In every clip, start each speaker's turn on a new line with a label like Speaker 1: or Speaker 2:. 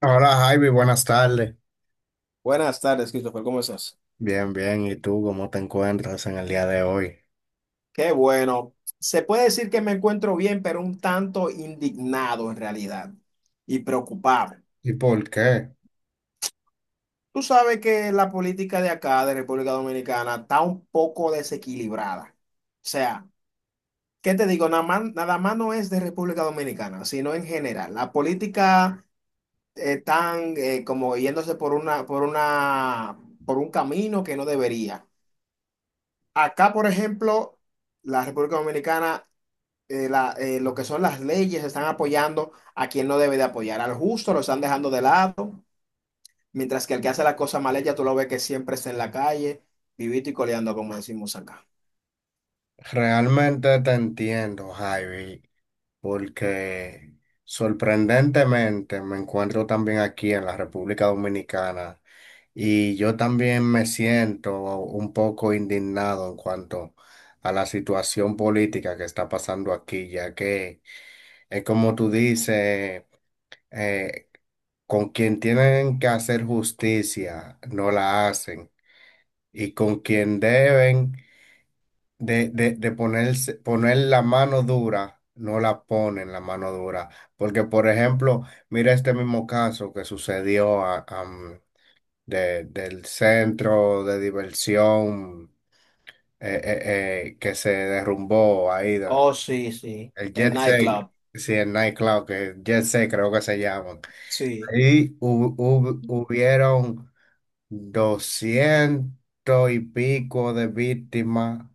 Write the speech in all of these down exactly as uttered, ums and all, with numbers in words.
Speaker 1: Hola Javi, buenas tardes.
Speaker 2: Buenas tardes, Christopher, ¿cómo estás?
Speaker 1: Bien, bien. ¿Y tú cómo te encuentras en el día de hoy?
Speaker 2: Qué bueno. Se puede decir que me encuentro bien, pero un tanto indignado en realidad y preocupado.
Speaker 1: ¿Y por qué?
Speaker 2: Tú sabes que la política de acá, de República Dominicana, está un poco desequilibrada. O sea, ¿qué te digo? Nada más, nada más no es de República Dominicana, sino en general. La política eh, están eh, como yéndose por una, por una, por un camino que no debería. Acá, por ejemplo, la República Dominicana eh, la- eh, lo que son las leyes están apoyando a quien no debe de apoyar. Al justo lo están dejando de lado, mientras que el que hace la cosa mal ya tú lo ves que siempre está en la calle, vivito y coleando, como decimos acá.
Speaker 1: Realmente te entiendo, Javi, porque sorprendentemente me encuentro también aquí en la República Dominicana y yo también me siento un poco indignado en cuanto a la situación política que está pasando aquí, ya que es como tú dices. eh, con quien tienen que hacer justicia, no la hacen. Y con quien deben de, de, de ponerse, poner la mano dura, no la ponen la mano dura. Porque, por ejemplo, mira este mismo caso que sucedió a- am, de- del centro de diversión eh, eh, eh, que se derrumbó ahí, de-
Speaker 2: Oh, sí, sí,
Speaker 1: el
Speaker 2: el
Speaker 1: Jet Set,
Speaker 2: nightclub.
Speaker 1: sí, el nightclub, que Jet Set creo que se llaman.
Speaker 2: Sí,
Speaker 1: Y hu- hu- hubieron doscientos y pico de víctimas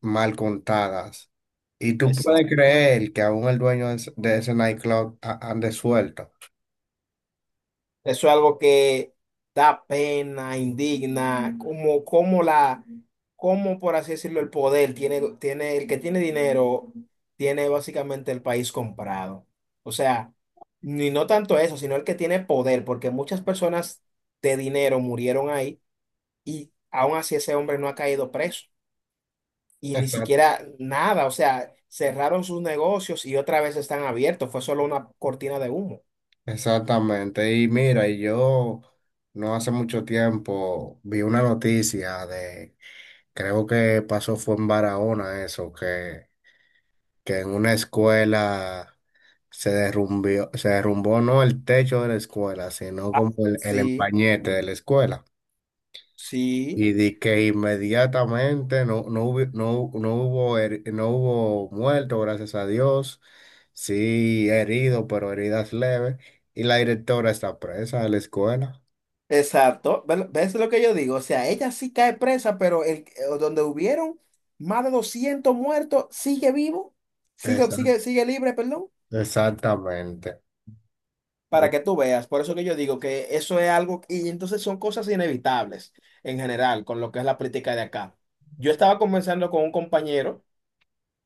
Speaker 1: mal contadas. Y tú puedes
Speaker 2: exacto.
Speaker 1: creer que aún el dueño de ese de ese nightclub a- ande suelto.
Speaker 2: Eso es algo que da pena, indigna, como, como la, como por así decirlo, el poder tiene, tiene, el que tiene dinero tiene básicamente el país comprado. O sea, ni no tanto eso, sino el que tiene poder, porque muchas personas de dinero murieron ahí y aún así ese hombre no ha caído preso y ni
Speaker 1: Exact-
Speaker 2: siquiera nada. O sea, cerraron sus negocios y otra vez están abiertos. Fue solo una cortina de humo.
Speaker 1: Exactamente. Y mira, y yo no hace mucho tiempo vi una noticia de, creo que pasó fue en Barahona eso, que que en una escuela se derrumbió, se derrumbó no el techo de la escuela, sino como el, el
Speaker 2: Sí,
Speaker 1: empañete de la escuela.
Speaker 2: sí.
Speaker 1: Y di que inmediatamente no, no hubo, no, no hubo, her- no hubo muerto gracias a Dios. Sí, herido, pero heridas leves. Y la directora está presa de la escuela.
Speaker 2: Exacto. Ve- ¿ves lo que yo digo? O sea, ella sí cae presa, pero el, eh, donde hubieron más de doscientos muertos, sigue vivo, sigue,
Speaker 1: Exact-
Speaker 2: sigue, sigue libre, perdón,
Speaker 1: Exactamente. ¿No
Speaker 2: para que tú veas. Por eso que yo digo que eso es algo, y entonces son cosas inevitables en general con lo que es la política de acá. Yo estaba conversando con un compañero,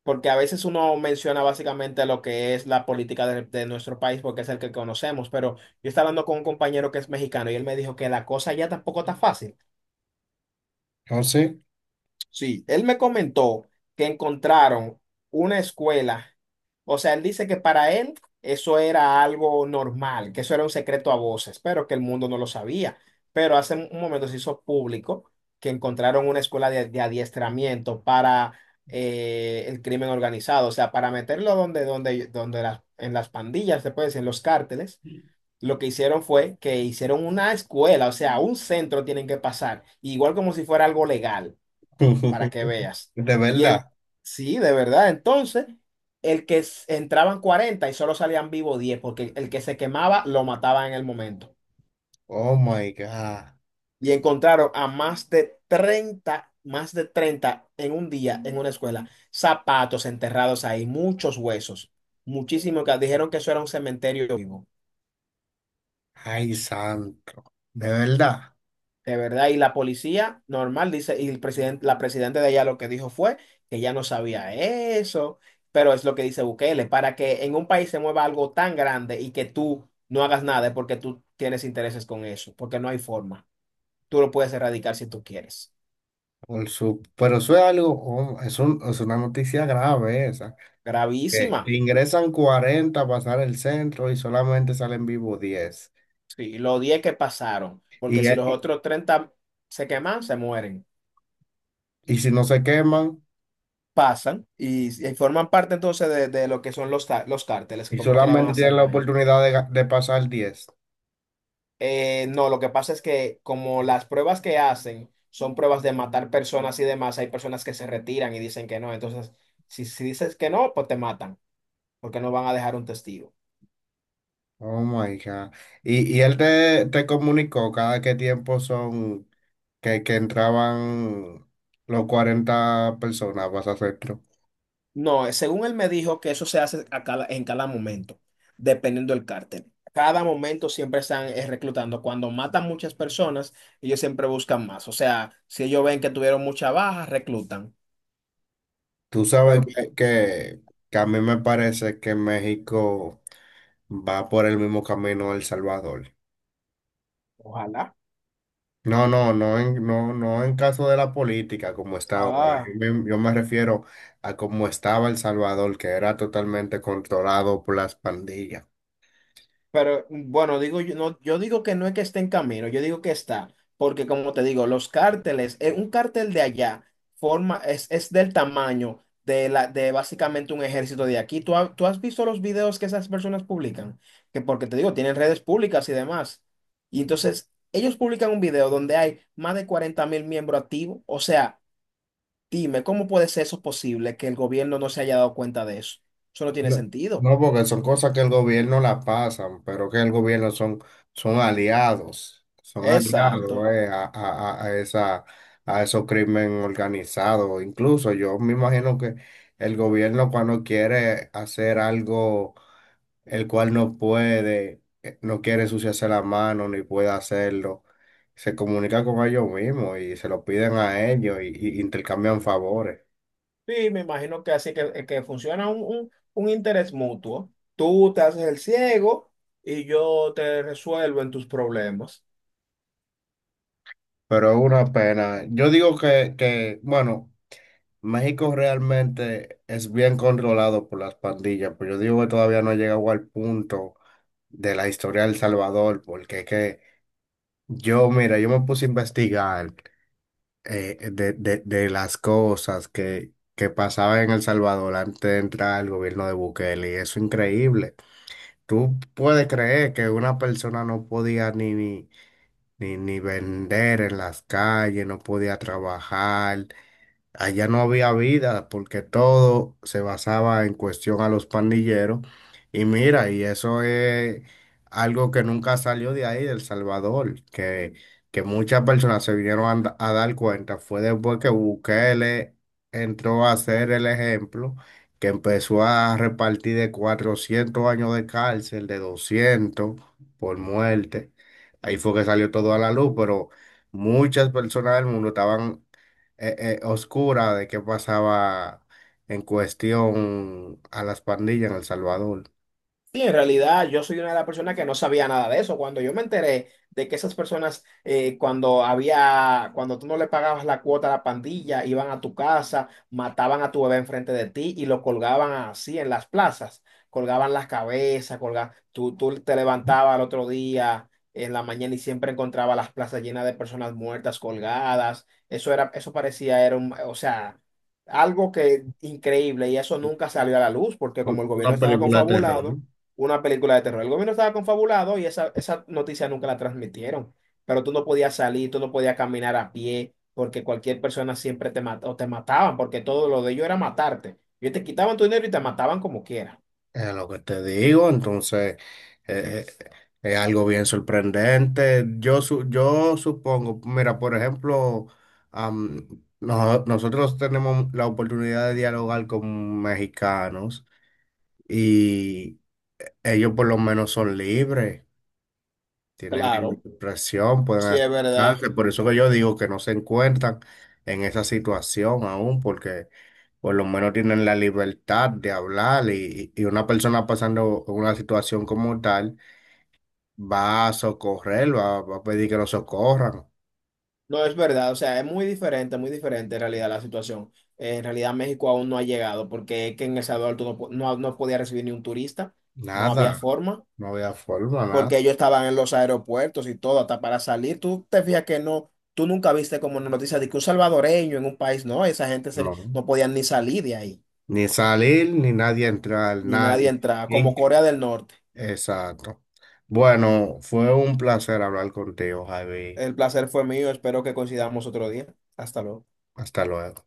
Speaker 2: porque a veces uno menciona básicamente lo que es la política de, de nuestro país, porque es el que conocemos, pero yo estaba hablando con un compañero que es mexicano y él me dijo que la cosa ya tampoco está fácil.
Speaker 1: sí?
Speaker 2: Sí, él me comentó que encontraron una escuela. O sea, él dice que para él eso era algo normal, que eso era un secreto a voces, pero que el mundo no lo sabía. Pero hace un momento se hizo público que encontraron una escuela de, de adiestramiento para eh, el crimen organizado. O sea, para meterlo donde, donde, donde las- en las pandillas, se puede decir, en los cárteles. Lo que hicieron fue que hicieron una escuela, o sea, un centro tienen que pasar, igual como si fuera algo legal, para que veas.
Speaker 1: De
Speaker 2: Y en,
Speaker 1: verdad.
Speaker 2: sí, de verdad, entonces, el que s- entraban cuarenta y solo salían vivo diez, porque el que se quemaba lo mataban en el momento.
Speaker 1: Oh my God.
Speaker 2: Y encontraron a más de treinta más de treinta en un día en una escuela, zapatos enterrados ahí, muchos huesos, muchísimo, que dijeron que eso era un cementerio vivo.
Speaker 1: Ay, santo, de verdad.
Speaker 2: De verdad, y la policía normal dice, y el presidente, la presidenta de allá, lo que dijo fue que ya no sabía eso, pero es lo que dice Bukele: para que en un país se mueva algo tan grande y que tú no hagas nada es porque tú tienes intereses con eso, porque no hay forma. Tú lo puedes erradicar si tú quieres.
Speaker 1: Por su, pero eso es algo, oh, es un- es una noticia grave esa. Que
Speaker 2: Gravísima.
Speaker 1: ingresan cuarenta, a pasar el centro y solamente salen vivos diez.
Speaker 2: Sí, los diez que pasaron, porque
Speaker 1: Y,
Speaker 2: si los
Speaker 1: eh,
Speaker 2: otros treinta se queman, se mueren.
Speaker 1: y, y si no se queman,
Speaker 2: Pasan y, y forman parte entonces de, de lo que son los, ta- los cárteles, que
Speaker 1: y
Speaker 2: como quiera van a
Speaker 1: solamente tienen
Speaker 2: hacer
Speaker 1: la
Speaker 2: daño.
Speaker 1: oportunidad de, ga- de pasar diez.
Speaker 2: Eh, no, lo que pasa es que como las pruebas que hacen son pruebas de matar personas y demás, hay personas que se retiran y dicen que no. Entonces, si, si dices que no, pues te matan, porque no van a dejar un testigo.
Speaker 1: Oh my God. Y, y él te, te comunicó cada qué tiempo son que, que entraban los cuarenta personas a pasar centro.
Speaker 2: No, eh, según él me dijo que eso se hace a cada- en cada momento, dependiendo del cártel. Cada momento siempre están eh, reclutando. Cuando matan muchas personas, ellos siempre buscan más. O sea, si ellos ven que tuvieron mucha baja, reclutan.
Speaker 1: Tú sabes
Speaker 2: Pero
Speaker 1: que, que- que a mí me parece que México va por el mismo camino de El Salvador.
Speaker 2: ojalá.
Speaker 1: No, no, no en, no, no en caso de la política como está ahora.
Speaker 2: Ah.
Speaker 1: Yo me, yo me refiero a cómo estaba El Salvador, que era totalmente controlado por las pandillas.
Speaker 2: Pero bueno, digo yo, no, yo digo que no es que esté en camino, yo digo que está, porque como te digo, los cárteles, eh, un cártel de allá forma, es, es del tamaño de la, de básicamente un ejército de aquí. ¿Tú, ha- tú has visto los videos que esas personas publican? Que porque te digo, tienen redes públicas y demás. Y entonces, ellos publican un video donde hay más de cuarenta mil miembros activos. O sea, dime, ¿cómo puede ser eso posible que el gobierno no se haya dado cuenta de eso? Eso no tiene
Speaker 1: No,
Speaker 2: sentido.
Speaker 1: no, porque son cosas que el gobierno la pasan, pero que el gobierno son, son aliados, son aliados
Speaker 2: Exacto.
Speaker 1: eh, a, a, a a esa, a esos crímenes organizados. Incluso yo me imagino que el gobierno cuando quiere hacer algo el cual no puede, eh, no quiere ensuciarse la mano ni puede hacerlo, se comunica con ellos mismos y se lo piden a ellos y y intercambian favores.
Speaker 2: Sí, me imagino que así, que, que funciona un, un- un interés mutuo. Tú te haces el ciego y yo te resuelvo en tus problemas.
Speaker 1: Pero es una pena. Yo digo que, que, bueno, México realmente es bien controlado por las pandillas, pero yo digo que todavía no ha llegado al punto de la historia de El Salvador, porque es que yo, mira, yo me puse a investigar eh, de, de- de las cosas que, que pasaban en El Salvador antes de entrar al gobierno de Bukele, y eso es increíble. Tú puedes creer que una persona no podía ni, ni ni, ni vender en las calles, no podía trabajar. Allá no había vida porque todo se basaba en cuestión a los pandilleros. Y mira, y eso es algo que nunca salió de ahí, del Salvador, que, que muchas personas se vinieron a, da- a dar cuenta. Fue después que Bukele entró a ser el ejemplo, que empezó a repartir de cuatrocientos años de cárcel, de doscientos por muerte. Ahí fue que salió todo a la luz, pero muchas personas del mundo estaban eh, eh, oscura de qué pasaba en cuestión a las pandillas en El Salvador.
Speaker 2: Sí, en realidad yo soy una de las personas que no sabía nada de eso. Cuando yo me enteré de que esas personas, eh, cuando había, cuando tú no le pagabas la cuota a la pandilla, iban a tu casa, mataban a tu bebé enfrente de ti y lo colgaban así en las plazas, colgaban las cabezas, colgaban, tú, tú te levantabas al otro día en la mañana y siempre encontraba las plazas llenas de personas muertas, colgadas. Eso era, eso parecía, era un, o sea, algo que increíble, y eso nunca salió a la luz porque como el
Speaker 1: Una
Speaker 2: gobierno estaba
Speaker 1: película de terror, ¿no?
Speaker 2: confabulado una película de terror. El gobierno estaba confabulado y esa, esa noticia nunca la transmitieron, pero tú no podías salir, tú no podías caminar a pie, porque cualquier persona siempre te mataba o te mataban, porque todo lo de ellos era matarte. Ellos te quitaban tu dinero y te mataban como quiera.
Speaker 1: Es lo que te digo, entonces eh, eh, es algo bien sorprendente. Yo, su- yo supongo, mira, por ejemplo, am, no- nosotros tenemos la oportunidad de dialogar con mexicanos y ellos por lo menos son libres. Tienen libre
Speaker 2: Claro,
Speaker 1: expresión, pueden
Speaker 2: sí es verdad.
Speaker 1: expresarse, por eso que yo digo que no se encuentran en esa situación aún, porque por lo menos tienen la libertad de hablar y, y una persona pasando una situación como tal va a socorrer, va, va a pedir que lo socorran.
Speaker 2: No es verdad, o sea, es muy diferente, muy diferente en realidad la situación. Eh, En realidad México aún no ha llegado, porque es que en El Salvador tú no, po- no, no podías recibir ni un turista, no había
Speaker 1: Nada,
Speaker 2: forma.
Speaker 1: no había forma, nada,
Speaker 2: Porque ellos estaban en los aeropuertos y todo, hasta para salir. Tú te fijas que no, tú nunca viste como una noticia de que un salvadoreño en un país, no, esa gente se-
Speaker 1: no.
Speaker 2: no podían ni salir de ahí,
Speaker 1: Ni salir, ni nadie entrar,
Speaker 2: ni nadie
Speaker 1: nadie.
Speaker 2: entraba,
Speaker 1: In-
Speaker 2: como Corea del Norte.
Speaker 1: Exacto. Bueno, fue un placer hablar contigo, Javi.
Speaker 2: El placer fue mío, espero que coincidamos otro día. Hasta luego.
Speaker 1: Hasta luego.